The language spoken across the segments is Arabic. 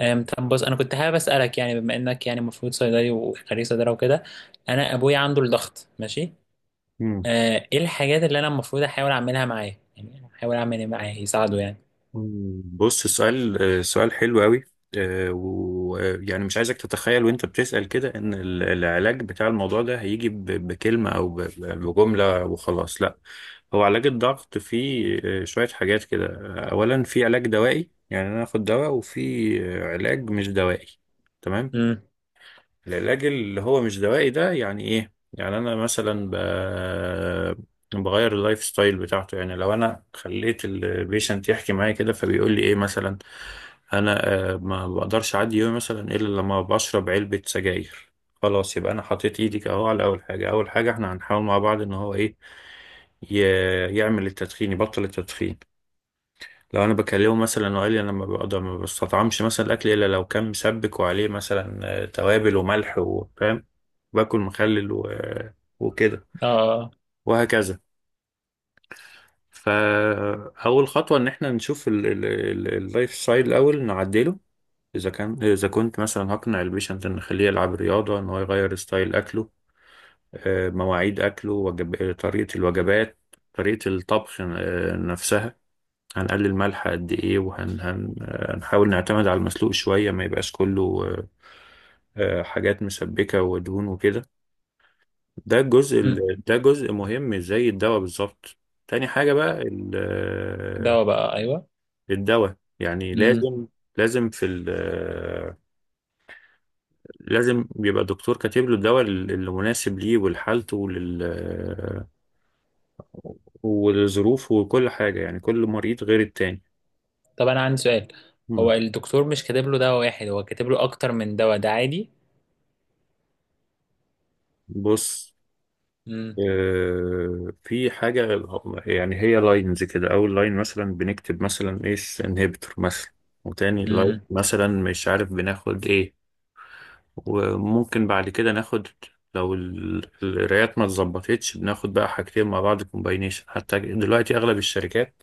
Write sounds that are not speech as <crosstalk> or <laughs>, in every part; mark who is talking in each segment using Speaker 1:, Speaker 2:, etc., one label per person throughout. Speaker 1: طب بص انا كنت حابب اسالك يعني بما انك يعني المفروض صيدلي وخريج صيدله وكده. انا ابويا عنده الضغط ماشي.
Speaker 2: مم.
Speaker 1: ايه الحاجات اللي انا المفروض احاول اعملها معاه، يعني احاول اعمل ايه معاه يساعده يعني؟
Speaker 2: مم. بص، سؤال سؤال حلو قوي. ويعني مش عايزك تتخيل وانت بتسأل كده ان العلاج بتاع الموضوع ده هيجي بكلمة او بجملة وخلاص. لا، هو علاج الضغط فيه شوية حاجات كده. اولا في علاج دوائي، يعني انا اخد دواء، وفي علاج مش دوائي. تمام.
Speaker 1: امم.
Speaker 2: العلاج اللي هو مش دوائي ده يعني ايه؟ يعني انا مثلا بغير اللايف ستايل بتاعته. يعني لو انا خليت البيشنت يحكي معايا كده، فبيقول لي ايه مثلا؟ انا ما بقدرش اعدي يومي مثلا الا لما بشرب علبة سجاير. خلاص، يبقى انا حطيت ايدك اهو على اول حاجة. اول حاجة احنا هنحاول مع بعض ان هو ايه؟ ي... يعمل التدخين، يبطل التدخين. لو انا بكلمه مثلا وقال لي انا ما بقدر، ما بستطعمش مثلا الاكل الا لو كان مسبك وعليه مثلا توابل وملح، وفاهم، باكل مخلل و... آه، وكده
Speaker 1: اه.
Speaker 2: وهكذا. فاول خطوه ان احنا نشوف اللايف ستايل الاول نعدله. اذا كنت مثلا هقنع البيشنت ان نخليه يلعب رياضه، ان هو يغير ستايل اكله، مواعيد اكله، طريقه الوجبات، طريقه الطبخ نفسها. هنقلل ملح قد ايه، وهن هن آه، هنحاول نعتمد على المسلوق شوية، ما يبقاش كله حاجات مسبكة ودهون وكده. ده الجزء
Speaker 1: امم.
Speaker 2: ده جزء مهم زي الدواء بالظبط. تاني حاجة بقى
Speaker 1: دواء بقى، ايوه.
Speaker 2: الدواء يعني
Speaker 1: امم.
Speaker 2: لازم. لازم في ال آه، لازم بيبقى الدكتور كاتب له الدواء اللي مناسب ليه ولحالته ولل آه، ولظروفه وكل حاجة. يعني كل مريض غير التاني.
Speaker 1: طب انا عندي سؤال.
Speaker 2: مم.
Speaker 1: هو الدكتور مش كاتب له دواء واحد، هو كاتب له اكتر من دواء، ده عادي؟
Speaker 2: بص،
Speaker 1: امم.
Speaker 2: في حاجة. يعني هي لاينز كده. أول لاين مثلا بنكتب مثلا إيه، انهبيتور مثلا. وتاني لاين
Speaker 1: امم.
Speaker 2: مثلا مش عارف بناخد إيه. وممكن بعد كده ناخد لو القرايات ما اتظبطتش بناخد بقى حاجتين مع بعض كومباينيشن. حتى دلوقتي أغلب الشركات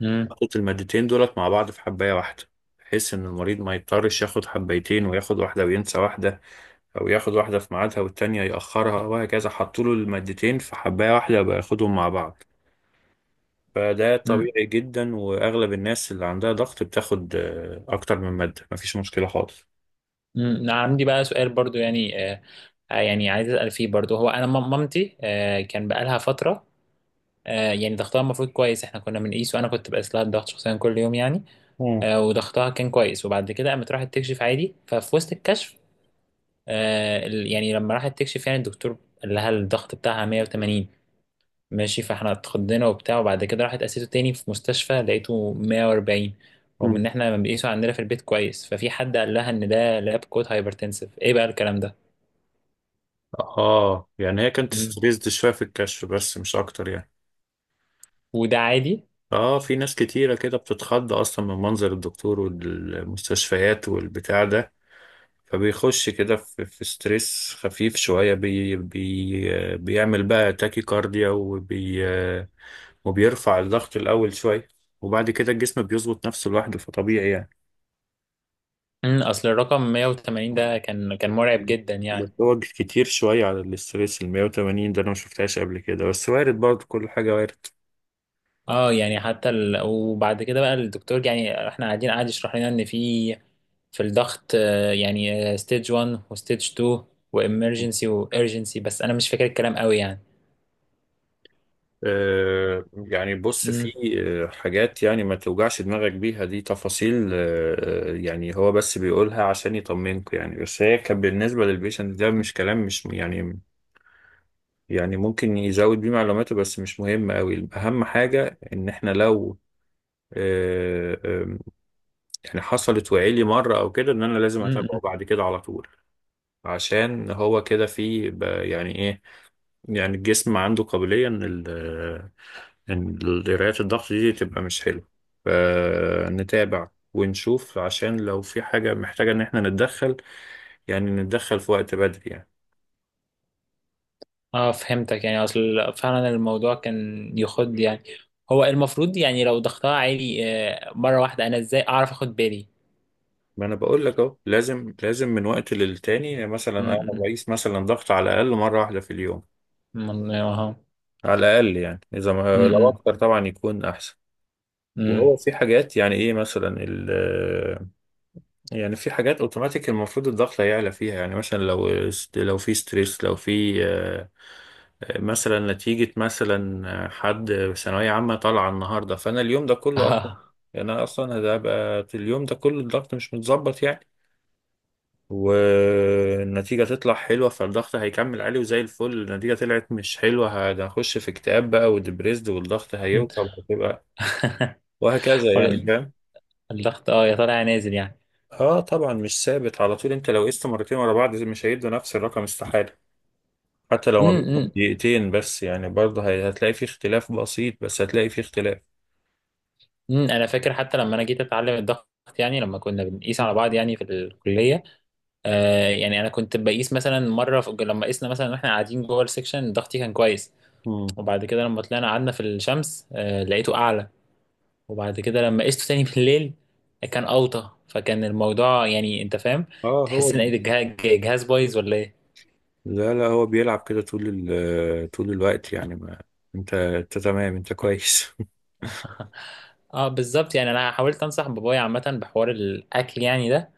Speaker 1: امم.
Speaker 2: حطت المادتين دولت مع بعض في حباية واحدة، بحيث إن المريض ما يضطرش ياخد حبايتين وياخد واحدة وينسى واحدة، او ياخد واحده في ميعادها والتانيه ياخرها وهكذا. حطوا له المادتين في حبايه واحده بقى ياخدهم مع بعض. فده
Speaker 1: امم.
Speaker 2: طبيعي جدا، واغلب الناس اللي عندها ضغط بتاخد اكتر من ماده، مفيش مشكله خالص.
Speaker 1: أنا عندي بقى سؤال برضو يعني، يعني عايز اسال فيه برضو. هو انا مامتي، كان بقالها فتره. يعني ضغطها المفروض كويس، احنا كنا بنقيس وانا كنت بقيس لها الضغط شخصيا كل يوم يعني.
Speaker 2: مم.
Speaker 1: وضغطها كان كويس، وبعد كده قامت راحت تكشف عادي. ففي وسط الكشف، يعني لما راحت تكشف، يعني الدكتور قال لها الضغط بتاعها 180. ماشي، فاحنا اتخضينا وبتاع، وبعد كده راحت قاسيته تاني في مستشفى لقيته 140، رغم ان
Speaker 2: مم.
Speaker 1: احنا بنقيسه عندنا في البيت كويس. ففي حد قال لها ان ده لاب كود هايبرتنسيف، ايه بقى الكلام ده؟
Speaker 2: اه، يعني هي كانت
Speaker 1: مم.
Speaker 2: ستريسد شويه في الكشف، بس مش اكتر يعني.
Speaker 1: وده عادي؟
Speaker 2: اه، في ناس كتيره كده بتتخض اصلا من منظر الدكتور والمستشفيات والبتاع ده، فبيخش كده في ستريس خفيف شوية بي بي بيعمل بقى تاكي كارديا وبيرفع الضغط الأول شوية، وبعد كده الجسم بيظبط نفسه لوحده. فطبيعي يعني.
Speaker 1: اصل الرقم 180 ده كان مرعب
Speaker 2: مم.
Speaker 1: جدا
Speaker 2: بس
Speaker 1: يعني.
Speaker 2: هو كتير شوية على الاستريس، ال 180 ده أنا ما شفتهاش قبل كده، بس وارد برضه، كل حاجة وارد.
Speaker 1: اه، يعني حتى وبعد كده بقى الدكتور، يعني احنا قاعد يشرح لنا ان في الضغط، يعني ستيج 1 وستيج 2 وامرجنسي وارجنسي، بس انا مش فاكر الكلام قوي يعني.
Speaker 2: يعني بص،
Speaker 1: امم.
Speaker 2: في آه، حاجات يعني ما توجعش دماغك بيها، دي تفاصيل يعني هو بس بيقولها عشان يطمنكوا يعني، بس هي كان بالنسبة للبيشنت ده مش كلام، مش يعني. يعني ممكن يزود بيه معلوماته، بس مش مهم قوي. أهم حاجة إن إحنا لو آه، آه، يعني حصلت وعيلي مرة أو كده، إن أنا لازم أتابعه
Speaker 1: امم.
Speaker 2: بعد كده على طول. عشان هو كده في يعني إيه، يعني الجسم عنده قابلية إن إن القراءات الضغط دي تبقى مش حلوة، فنتابع ونشوف عشان لو في حاجة محتاجة إن إحنا نتدخل، يعني نتدخل في وقت بدري يعني.
Speaker 1: اه، فهمتك. يعني اصل فعلا الموضوع كان يخد يعني، هو المفروض يعني لو ضغطها عالي مرة واحدة، انا ازاي اعرف اخد بالي؟
Speaker 2: ما أنا بقول لك أهو، لازم من وقت للتاني مثلا أنا
Speaker 1: امم
Speaker 2: بقيس مثلا ضغط على الأقل مرة واحدة في اليوم،
Speaker 1: اه
Speaker 2: على الأقل، يعني إذا ما لو
Speaker 1: امم.
Speaker 2: أكتر طبعا يكون أحسن.
Speaker 1: امم.
Speaker 2: وهو في حاجات يعني ايه مثلا يعني في حاجات اوتوماتيك المفروض الضغط هيعلى فيها، يعني مثلا لو، لو في ستريس، لو في مثلا نتيجة مثلا حد ثانوية عامة طالعة النهاردة، فأنا اليوم ده كله أصلا،
Speaker 1: اه.
Speaker 2: يعني أنا أصلا هبقى في اليوم ده كله الضغط مش متظبط يعني. والنتيجة تطلع حلوة، فالضغط هيكمل عالي. وزي الفل، النتيجة طلعت مش حلوة، هنخش في اكتئاب بقى وديبريسد، والضغط هيوطى وهتبقى
Speaker 1: <laughs>
Speaker 2: وهكذا يعني،
Speaker 1: ولا
Speaker 2: فاهم.
Speaker 1: الضغط، اه، يا طالع يا نازل يعني.
Speaker 2: اه طبعا، مش ثابت على طول. انت لو قست مرتين ورا بعض مش هيدوا نفس الرقم، استحالة. حتى لو ما بينهم
Speaker 1: امم.
Speaker 2: دقيقتين بس، يعني برضه هتلاقي في اختلاف بسيط، بس هتلاقي في اختلاف.
Speaker 1: امم. انا فاكر حتى لما انا جيت اتعلم الضغط، يعني لما كنا بنقيس على بعض يعني في الكليه. يعني انا كنت بقيس مثلا مره، في لما قيسنا مثلا واحنا قاعدين جوه السكشن ضغطي كان كويس.
Speaker 2: مم.
Speaker 1: وبعد كده لما طلعنا قعدنا في الشمس، لقيته اعلى. وبعد كده لما قيسته تاني <laughs> بالليل كان اوطى. فكان الموضوع، يعني انت فاهم،
Speaker 2: اه هو،
Speaker 1: تحس ان ايه ده، الجهاز بايظ ولا ايه؟
Speaker 2: لا لا، هو بيلعب كده طول طول الوقت يعني. ما انت تمام، انت كويس. <laughs>
Speaker 1: <laughs> اه، بالظبط. يعني انا حاولت انصح بابايا عامه بحوار الاكل يعني ده.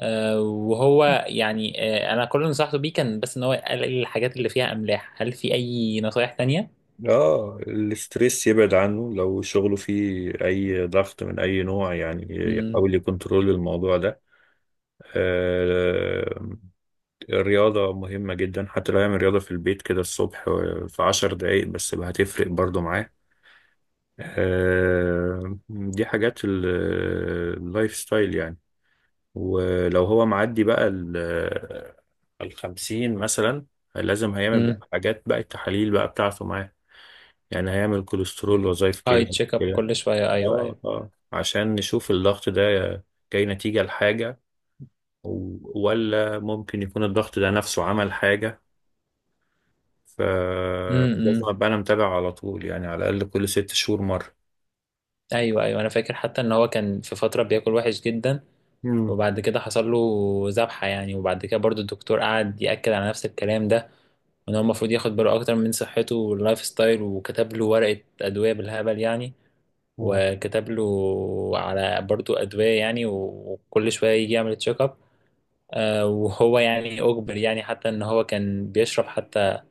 Speaker 1: وهو يعني، انا كل اللي نصحته بيه كان بس ان هو يقلل الحاجات اللي فيها املاح. هل في اي نصايح تانية؟
Speaker 2: اه، الاستريس يبعد عنه. لو شغله فيه اي ضغط من اي نوع يعني،
Speaker 1: امم.
Speaker 2: يحاول يكنترول الموضوع ده. آه، الرياضة مهمة جدا، حتى لو يعمل رياضة في البيت كده الصبح في 10 دقايق بس بقى هتفرق برضو معاه. آه، دي حاجات اللايف ستايل يعني. ولو هو معدي بقى الخمسين مثلا، لازم هيعمل
Speaker 1: امم.
Speaker 2: بقى حاجات بقى، التحاليل بقى بتاعته معاه. يعني هيعمل كوليسترول، وظائف
Speaker 1: اي
Speaker 2: كلى،
Speaker 1: تشيك اب
Speaker 2: كده.
Speaker 1: كل شويه، ايوه
Speaker 2: اه
Speaker 1: ايوه.
Speaker 2: اه، عشان نشوف الضغط ده جاي نتيجة لحاجة، ولا ممكن يكون الضغط ده نفسه عمل حاجة. ف لازم
Speaker 1: امم.
Speaker 2: ابقى انا متابع على طول، يعني على الاقل كل 6 شهور مرة.
Speaker 1: ايوه ايوه، انا فاكر حتى ان هو كان في فتره بياكل وحش جدا، وبعد كده حصل له ذبحه يعني. وبعد كده برضو الدكتور قعد ياكد على نفس الكلام ده، وان هو المفروض ياخد باله اكتر من صحته واللايف ستايل، وكتب له ورقه ادويه بالهبل يعني، وكتب له على برضو ادويه يعني، وكل شويه يجي يعمل تشيك اب. وهو يعني أجبر، يعني حتى إن هو كان بيشرب حتى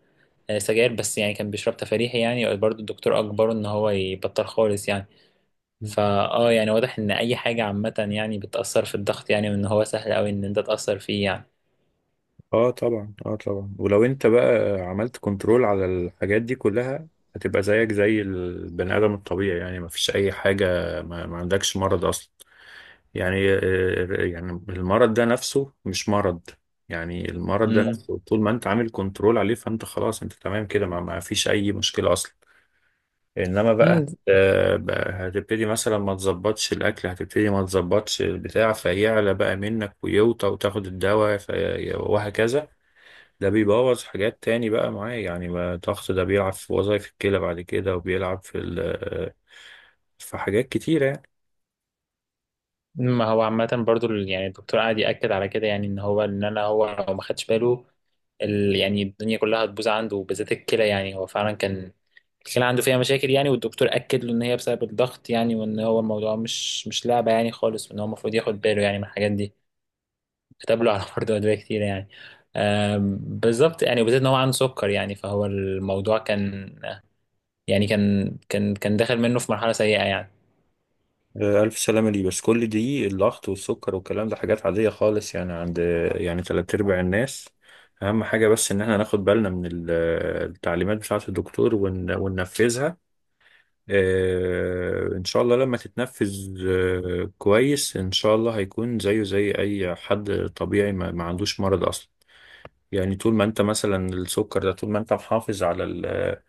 Speaker 1: سجاير، بس يعني كان بيشرب تفريحي يعني، برضه الدكتور أجبره إن هو يبطل خالص يعني.
Speaker 2: مم.
Speaker 1: فآه يعني واضح إن أي حاجة عامة يعني بتأثر في الضغط يعني، وإن هو سهل أوي إن أنت تأثر فيه يعني.
Speaker 2: اه طبعا، اه طبعا. ولو انت بقى عملت كنترول على الحاجات دي كلها، هتبقى زيك زي البني ادم الطبيعي، يعني ما فيش اي حاجه، ما عندكش مرض اصلا، يعني يعني المرض ده نفسه مش مرض. يعني المرض ده
Speaker 1: مم.
Speaker 2: نفسه طول ما انت عامل كنترول عليه فانت خلاص، انت تمام كده، ما فيش اي مشكله اصلا. انما بقى
Speaker 1: مم.
Speaker 2: بقى هتبتدي مثلا ما تظبطش الاكل، هتبتدي ما تظبطش البتاع فيعلى بقى منك ويوطى وتاخد الدواء وهكذا. ده بيبوظ حاجات تاني بقى معاه يعني. ما الضغط ده بيلعب في وظائف الكلى بعد كده، وبيلعب في في حاجات كتيرة يعني.
Speaker 1: ما هو عامة برضه يعني الدكتور قاعد يأكد على كده يعني، إن هو إن أنا هو لو ما خدش باله، يعني الدنيا كلها هتبوظ عنده، وبالذات الكلى. يعني هو فعلا كان الكلى عنده فيها مشاكل يعني، والدكتور أكد له إن هي بسبب الضغط، يعني وإن هو الموضوع مش لعبة يعني خالص، وإن هو المفروض ياخد باله يعني من الحاجات دي. كتب له على <laughs> برضه أدوية كتير يعني. بالظبط يعني، وبالذات إن هو عنده سكر يعني، فهو الموضوع كان يعني كان داخل منه في مرحلة سيئة يعني.
Speaker 2: ألف سلامة ليه، بس كل دي الضغط والسكر والكلام ده حاجات عادية خالص، يعني عند يعني تلات أرباع الناس. أهم حاجة بس إن احنا ناخد بالنا من التعليمات بتاعة الدكتور وننفذها. إن شاء الله لما تتنفذ كويس، إن شاء الله هيكون زيه زي أي حد طبيعي ما عندوش مرض أصلا. يعني طول ما انت مثلا السكر ده، طول ما انت محافظ على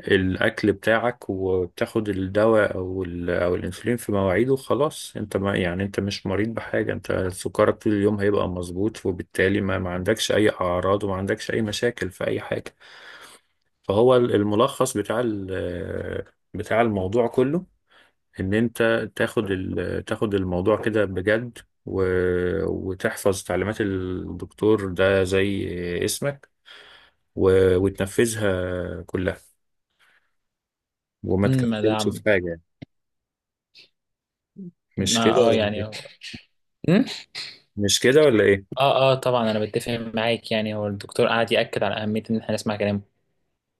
Speaker 2: الاكل بتاعك، وبتاخد الدواء او او الانسولين في مواعيده، خلاص انت، ما يعني انت مش مريض بحاجه. انت سكرك طول اليوم هيبقى مظبوط، وبالتالي ما عندكش اي اعراض، وما عندكش اي مشاكل في اي حاجه. فهو الملخص بتاع بتاع الموضوع كله، ان انت تاخد تاخد الموضوع كده بجد، وتحفظ تعليمات الدكتور ده زي اسمك و... وتنفذها كلها، وما
Speaker 1: ما ده،
Speaker 2: تكفلش في حاجة يعني. مش كده
Speaker 1: ما اه، يعني
Speaker 2: يعني؟
Speaker 1: هو. أمم؟
Speaker 2: مش كده ولا ايه؟
Speaker 1: اه اه طبعا، انا بتفق معاك يعني. هو الدكتور قعد يأكد على اهمية ان احنا نسمع كلامه.